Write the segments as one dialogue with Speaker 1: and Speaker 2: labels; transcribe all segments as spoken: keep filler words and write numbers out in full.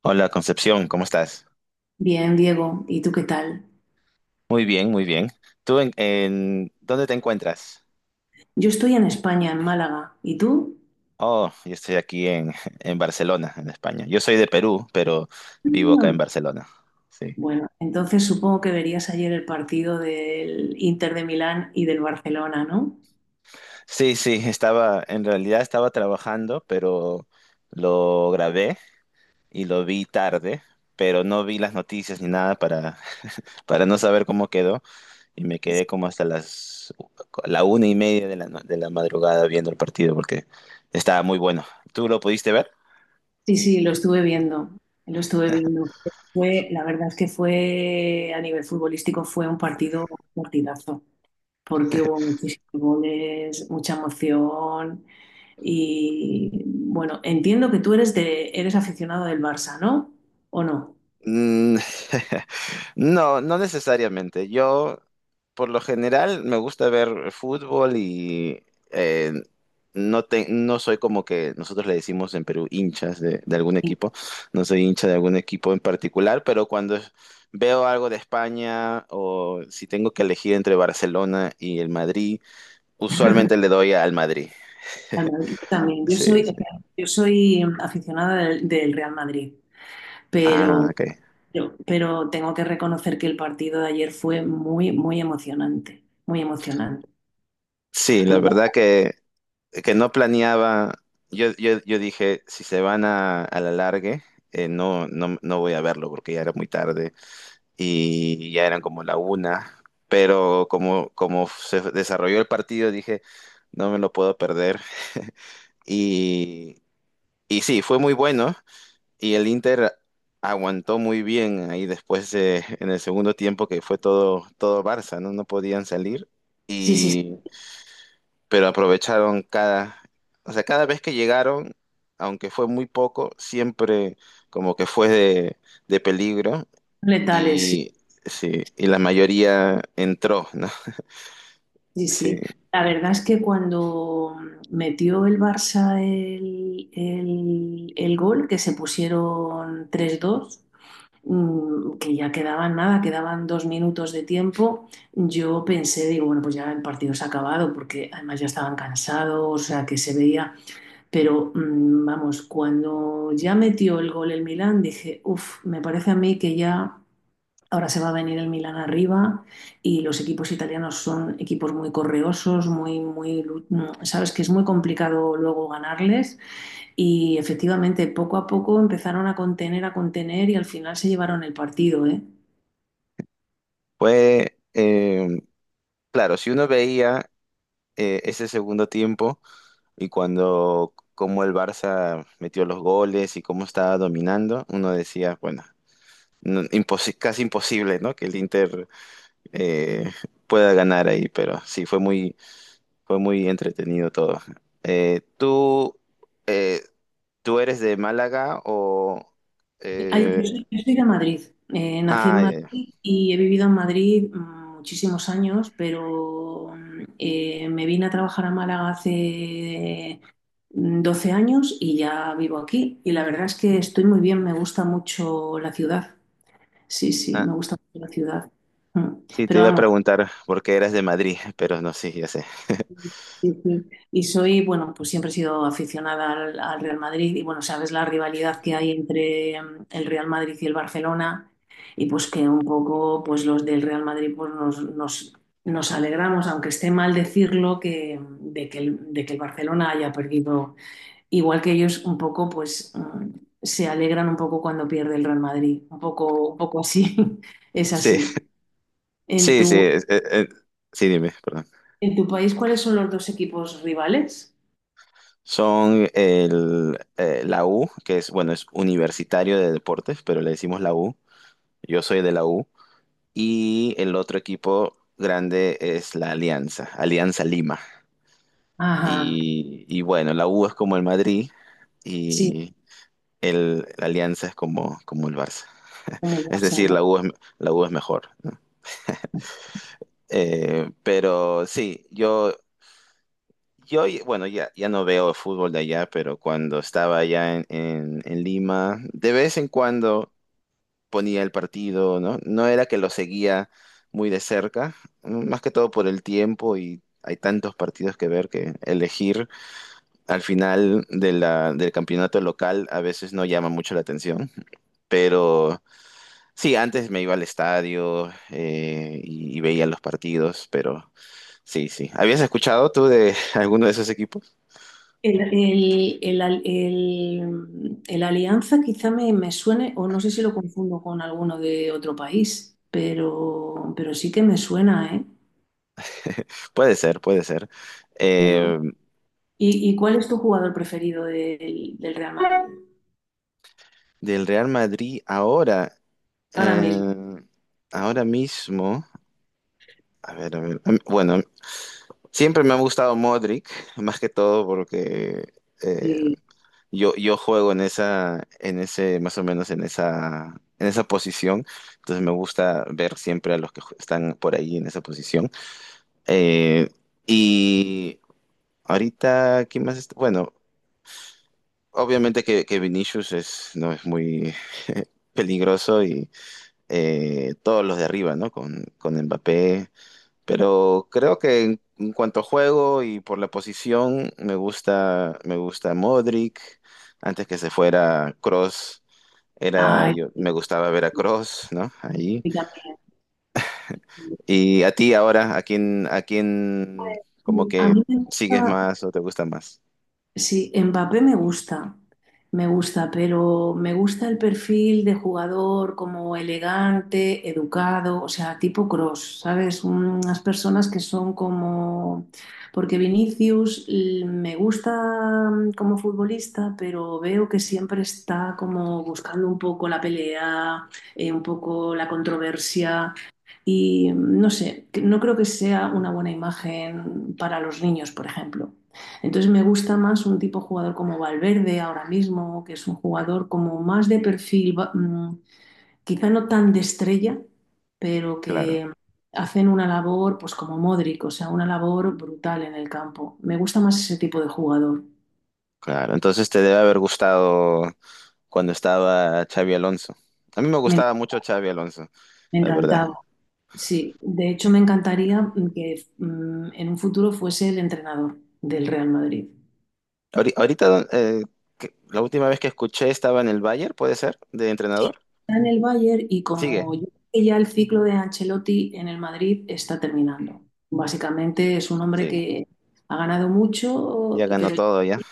Speaker 1: Hola Concepción, ¿cómo estás?
Speaker 2: Bien, Diego, ¿y tú qué tal?
Speaker 1: Muy bien, muy bien. ¿Tú en, en- dónde te encuentras?
Speaker 2: Yo estoy en España, en Málaga. ¿Y tú?
Speaker 1: Oh, yo estoy aquí en, en Barcelona, en España. Yo soy de Perú, pero vivo acá
Speaker 2: Ah.
Speaker 1: en Barcelona. Sí.
Speaker 2: Bueno, entonces supongo que verías ayer el partido del Inter de Milán y del Barcelona, ¿no?
Speaker 1: Sí, sí, estaba, en realidad estaba trabajando, pero lo grabé y lo vi tarde, pero no vi las noticias ni nada para, para no saber cómo quedó y me quedé como hasta las la una y media de la, no- de la madrugada viendo el partido porque estaba muy bueno. ¿Tú lo pudiste ver?
Speaker 2: Sí, sí, lo estuve viendo, lo estuve viendo. Fue, la verdad es que fue, a nivel futbolístico, fue un partido un partidazo, porque hubo muchísimos goles, mucha emoción y, bueno, entiendo que tú eres de, eres aficionado del Barça, ¿no? ¿O no?
Speaker 1: Mm, No, no necesariamente. Yo, por lo general, me gusta ver fútbol y eh, no, te- no soy como que nosotros le decimos en Perú hinchas de, de algún equipo. No soy hincha de algún equipo en particular, pero cuando veo algo de España o si tengo que elegir entre Barcelona y el Madrid, usualmente le doy al Madrid.
Speaker 2: Al Madrid también. Yo
Speaker 1: Sí,
Speaker 2: soy, o
Speaker 1: sí.
Speaker 2: sea, yo soy em, aficionada del, del Real Madrid,
Speaker 1: Ah,
Speaker 2: pero,
Speaker 1: ok.
Speaker 2: pero, pero tengo que reconocer que el partido de ayer fue muy, muy emocionante, muy emocionante.
Speaker 1: Sí, la
Speaker 2: Lo que
Speaker 1: verdad
Speaker 2: pasa-
Speaker 1: que no planeaba, yo, yo, yo dije, si se van a, a la largue, eh, no, no, no voy a verlo porque ya era muy tarde y ya eran como la una, pero como, como se desarrolló el partido, dije, no me lo puedo perder. Y, y sí, fue muy bueno y el Inter aguantó muy bien ahí después de- en el segundo tiempo que fue todo, todo Barça, ¿no? No podían salir,
Speaker 2: sí, sí, sí,
Speaker 1: pero aprovecharon cada, o sea, cada vez que llegaron, aunque fue muy poco, siempre como que fue de, de peligro
Speaker 2: letales, sí,
Speaker 1: y, sí, y la mayoría entró, ¿no?
Speaker 2: sí,
Speaker 1: Sí,
Speaker 2: sí. La verdad es que cuando metió el Barça el, el, el gol, que se pusieron tres dos mm, que ya quedaban nada, quedaban dos minutos de tiempo, yo pensé, digo, bueno, pues ya el partido se ha acabado, porque además ya estaban cansados, o sea, que se veía, pero mm, vamos, cuando ya metió el gol el Milán, dije, uff, me parece a mí que ya... Ahora se va a venir el Milán arriba y los equipos italianos son equipos muy correosos, muy, muy, lu- mm, sabes que es muy complicado luego ganarles. Y efectivamente, poco a poco empezaron a contener, a contener y al final se llevaron el partido, ¿eh?
Speaker 1: fue, eh, claro, si uno veía eh, ese segundo tiempo y cuando, cómo el Barça metió los goles y cómo estaba dominando, uno decía, bueno. No- imposi- casi imposible, ¿no? Que el Inter eh, pueda ganar ahí, pero sí, fue muy, fue muy entretenido todo. Eh, ¿tú, eh, Tú eres de Málaga o...?
Speaker 2: Ay, yo,
Speaker 1: eh,
Speaker 2: soy, yo soy de Madrid, eh, nací en
Speaker 1: ah, ya, ya.
Speaker 2: Madrid y he vivido en Madrid mm, muchísimos años, pero mm, eh, me vine a trabajar a Málaga hace mm, doce años y ya vivo aquí. Y la verdad es que estoy muy bien, me gusta mucho la ciudad. Sí, sí,
Speaker 1: Ah,
Speaker 2: me gusta mucho la ciudad. Mm.
Speaker 1: sí, te
Speaker 2: Pero
Speaker 1: iba a
Speaker 2: vamos.
Speaker 1: preguntar por qué eras de Madrid, pero no, sí, ya sé.
Speaker 2: Sí, sí. Y soy, bueno, pues siempre he sido aficionada al, al Real Madrid y bueno, sabes la rivalidad que hay entre mm, el Real Madrid y el Barcelona y pues que un poco pues los del Real Madrid pues nos, nos, nos alegramos, aunque esté mal decirlo, que, de que el, de que el Barcelona haya perdido, igual que ellos un poco pues mm, se alegran un poco cuando pierde el Real Madrid, un poco, un poco así, es
Speaker 1: Sí,
Speaker 2: así. En
Speaker 1: sí, sí.
Speaker 2: tu,
Speaker 1: Eh, eh, sí, dime, perdón.
Speaker 2: en tu país, ¿cuáles son los dos equipos rivales?
Speaker 1: Son el, eh, la U, que es, bueno, es Universitario de Deportes, pero le decimos la U. Yo soy de la U. Y el otro equipo grande es la Alianza, Alianza Lima.
Speaker 2: Ajá.
Speaker 1: Y, y bueno, la U es como el Madrid
Speaker 2: Sí,
Speaker 1: y el, la Alianza es como, como el Barça.
Speaker 2: como
Speaker 1: Es
Speaker 2: WhatsApp,
Speaker 1: decir,
Speaker 2: ¿no?
Speaker 1: la U es, la U es mejor, ¿no? Eh, pero sí, yo, yo, bueno, ya, ya no veo el fútbol de allá, pero cuando estaba allá en, en, en Lima, de vez en cuando ponía el partido, ¿no? No era que lo seguía muy de cerca, más que todo por el tiempo y hay tantos partidos que ver que elegir al final de la, del campeonato local a veces no llama mucho la atención, pero sí, antes me iba al estadio eh, y, y veía los partidos, pero sí, sí. ¿Habías escuchado tú de alguno de esos equipos?
Speaker 2: El, el- el al- el- el Alianza quizá me, me suene, o no sé si lo confundo con alguno de otro país, pero, pero sí que me suena, ¿eh?
Speaker 1: Puede ser, puede ser.
Speaker 2: Bueno,
Speaker 1: Eh,
Speaker 2: ¿y, y cuál es tu jugador preferido del, del Real Madrid?
Speaker 1: del Real Madrid ahora,
Speaker 2: Ahora mismo.
Speaker 1: eh, ahora mismo, a ver, a ver, bueno, siempre me ha gustado Modric, más que todo porque... eh,
Speaker 2: Sí.
Speaker 1: Yo, yo juego en esa, en ese, más o menos en esa, en esa posición. Entonces me gusta ver siempre a los que ju- están por ahí en esa posición. Eh, y ahorita, ¿quién más está? Bueno, obviamente que, que Vinicius es, no es muy peligroso y eh, todos los de arriba, ¿no? Con, con Mbappé. Pero creo que en, en cuanto a juego y por la posición, me gusta, me gusta Modric, antes que se fuera Cross. Era,
Speaker 2: Ay,
Speaker 1: yo me gustaba Veracruz, ¿no? Ahí.
Speaker 2: y también.
Speaker 1: Y a ti ahora, ¿a quién, a quién como
Speaker 2: A
Speaker 1: que
Speaker 2: mí me
Speaker 1: sigues
Speaker 2: gusta,
Speaker 1: más o te gusta más?
Speaker 2: sí, Mbappé me gusta, me gusta, pero me gusta el perfil de jugador como elegante, educado, o sea, tipo Cross, ¿sabes? Unas personas que son como... Porque Vinicius l- me gusta mm, como futbolista, pero veo que siempre está como buscando un poco la pelea, eh, un poco la controversia y mm, no sé, que- no creo que sea una buena imagen para los niños, por ejemplo. Entonces me gusta más un tipo de jugador como Valverde ahora mismo, que es un jugador como más de perfil, quizá no tan de estrella, pero
Speaker 1: Claro,
Speaker 2: que hacen una labor pues como Modric, o sea, una labor brutal en el campo. Me gusta más ese tipo de jugador.
Speaker 1: claro. Entonces te debe haber gustado cuando estaba Xavi Alonso. A mí me
Speaker 2: Me,
Speaker 1: gustaba mucho Xavi Alonso,
Speaker 2: me
Speaker 1: la verdad.
Speaker 2: encantaba. Sí, de hecho me encantaría que mm, en un futuro fuese el entrenador del Real Madrid.
Speaker 1: Ahori- Ahorita, eh, que- la última vez que escuché estaba en el Bayern, ¿puede ser? De
Speaker 2: Sí,
Speaker 1: entrenador.
Speaker 2: está en el Bayern y
Speaker 1: Sigue,
Speaker 2: como yo creo que ya el ciclo de Ancelotti en el Madrid está terminando. Básicamente es un hombre
Speaker 1: sigue.
Speaker 2: que ha ganado mucho,
Speaker 1: Ya ganó
Speaker 2: pero
Speaker 1: todo, ya.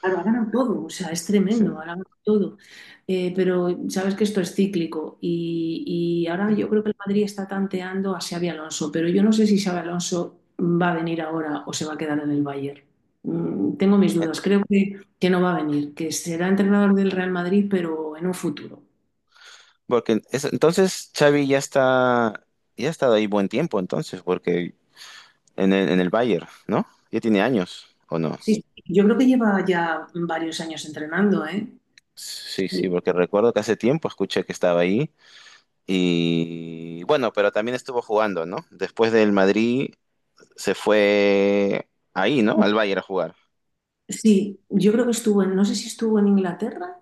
Speaker 2: claro, ha ganado todo, o sea, es
Speaker 1: Sí,
Speaker 2: tremendo, ha ganado todo. Eh, pero sabes que esto es cíclico y, y ahora
Speaker 1: sí.
Speaker 2: yo creo que el Madrid está tanteando a Xabi Alonso, pero yo no sé si Xabi Alonso va a venir ahora o se va a quedar en el Bayern. Mm, tengo mis dudas, creo que, que no va a venir, que será entrenador del Real Madrid, pero en un futuro.
Speaker 1: Porque es- entonces Xavi ya está, ya ha estado ahí buen tiempo entonces, porque en el, en el Bayern, ¿no? Ya tiene años, ¿o no?
Speaker 2: Sí, sí, yo creo que lleva ya varios años entrenando, ¿eh?
Speaker 1: Sí, sí,
Speaker 2: Sí,
Speaker 1: porque recuerdo que hace tiempo escuché que estaba ahí y bueno, pero también estuvo jugando, ¿no? Después del Madrid se fue ahí, ¿no? Al Bayern a jugar.
Speaker 2: sí, yo creo que estuvo en, no sé si estuvo en Inglaterra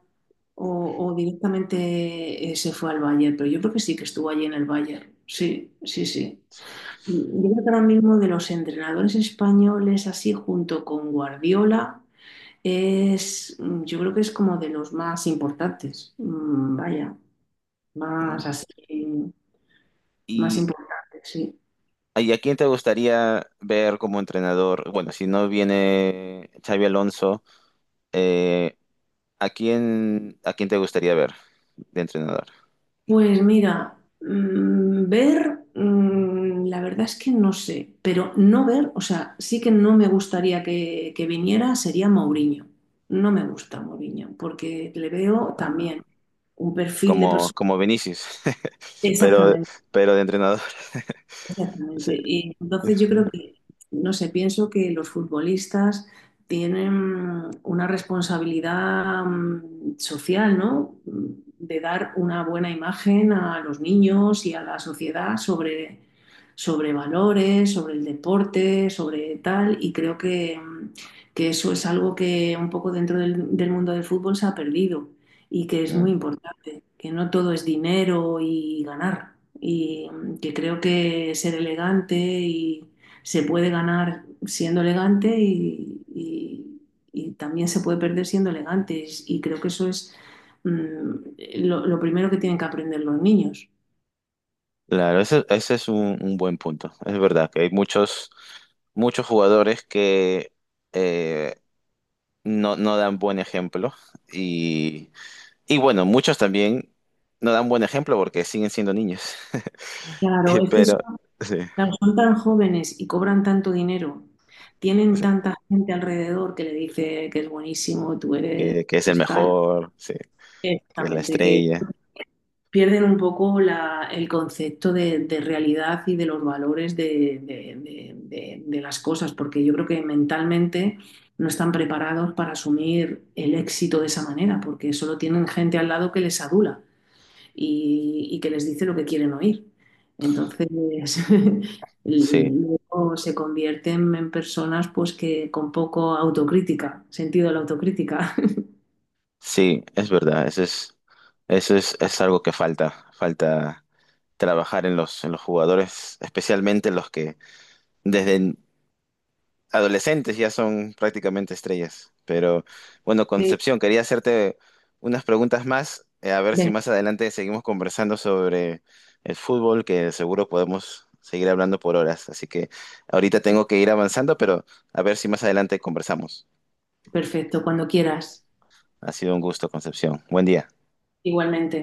Speaker 2: o, o directamente eh, se fue al Bayern, pero yo creo que sí que estuvo allí en el Bayern. Sí, sí, sí. Yo creo que ahora mismo de los entrenadores españoles, así junto con Guardiola, es, mm, yo creo que es como de los más importantes. Mm, vaya,
Speaker 1: Mm.
Speaker 2: más así, más
Speaker 1: ¿Y,
Speaker 2: importantes, sí.
Speaker 1: y a quién te gustaría ver como entrenador? Bueno, si no viene Xavi Alonso, eh, ¿a quién, a quién te gustaría ver de entrenador?
Speaker 2: Pues mira, mm, ver, mm, la verdad es que no sé, pero no ver, o sea, sí que no me gustaría que, que viniera, sería Mourinho. No me gusta Mourinho, porque le veo
Speaker 1: Ah,
Speaker 2: también un perfil de
Speaker 1: como,
Speaker 2: persona.
Speaker 1: como Vinicius, pero, pero de entrenador.
Speaker 2: Exactamente.
Speaker 1: Sí.
Speaker 2: Y entonces yo creo que, no sé, pienso que los futbolistas tienen una responsabilidad mm, social, ¿no? De dar una buena imagen a los niños y a la sociedad sobre, sobre valores, sobre el deporte, sobre tal. Y creo que, mm, que eso es algo que un poco dentro del, del mundo del fútbol se ha perdido y que es muy
Speaker 1: Mm.
Speaker 2: importante, que no todo es dinero y ganar, y mm, que creo que ser elegante y se puede ganar siendo elegante y, y- y también se puede perder siendo elegante, y creo que eso es mm, lo, lo primero que tienen que aprender los niños.
Speaker 1: Claro, ese, ese es un, un buen punto. Es verdad que hay muchos, muchos jugadores que eh, no, no dan buen ejemplo y, y bueno, muchos también no dan buen ejemplo porque siguen siendo niños.
Speaker 2: Claro,
Speaker 1: Eh,
Speaker 2: es que
Speaker 1: pero
Speaker 2: son,
Speaker 1: sí,
Speaker 2: claro, son tan jóvenes y cobran tanto dinero,
Speaker 1: o
Speaker 2: tienen
Speaker 1: sea,
Speaker 2: tanta gente alrededor que le dice que es buenísimo, tú eres
Speaker 1: que, que es el
Speaker 2: tal,
Speaker 1: mejor, sí, que es la
Speaker 2: exactamente, que
Speaker 1: estrella,
Speaker 2: pierden un poco la- el concepto de, de realidad y de los valores de, de- de- de- de las cosas, porque yo creo que mentalmente no están preparados para asumir el éxito de esa manera, porque solo tienen gente al lado que les adula y, y que les dice lo que quieren oír. Entonces,
Speaker 1: sí.
Speaker 2: luego se convierten en personas pues que con poco autocrítica, sentido de la autocrítica.
Speaker 1: Sí, es verdad, eso es, eso es, es algo que falta, falta trabajar en los, en los jugadores, especialmente los que desde adolescentes ya son prácticamente estrellas. Pero bueno,
Speaker 2: Sí.
Speaker 1: Concepción, quería hacerte unas preguntas más, eh, a ver si
Speaker 2: Venga,
Speaker 1: más adelante seguimos conversando sobre el fútbol, que seguro podemos seguir hablando por horas. Así que ahorita tengo que ir avanzando, pero a ver si más adelante conversamos.
Speaker 2: perfecto, cuando quieras.
Speaker 1: Ha sido un gusto, Concepción. Buen día.
Speaker 2: Igualmente.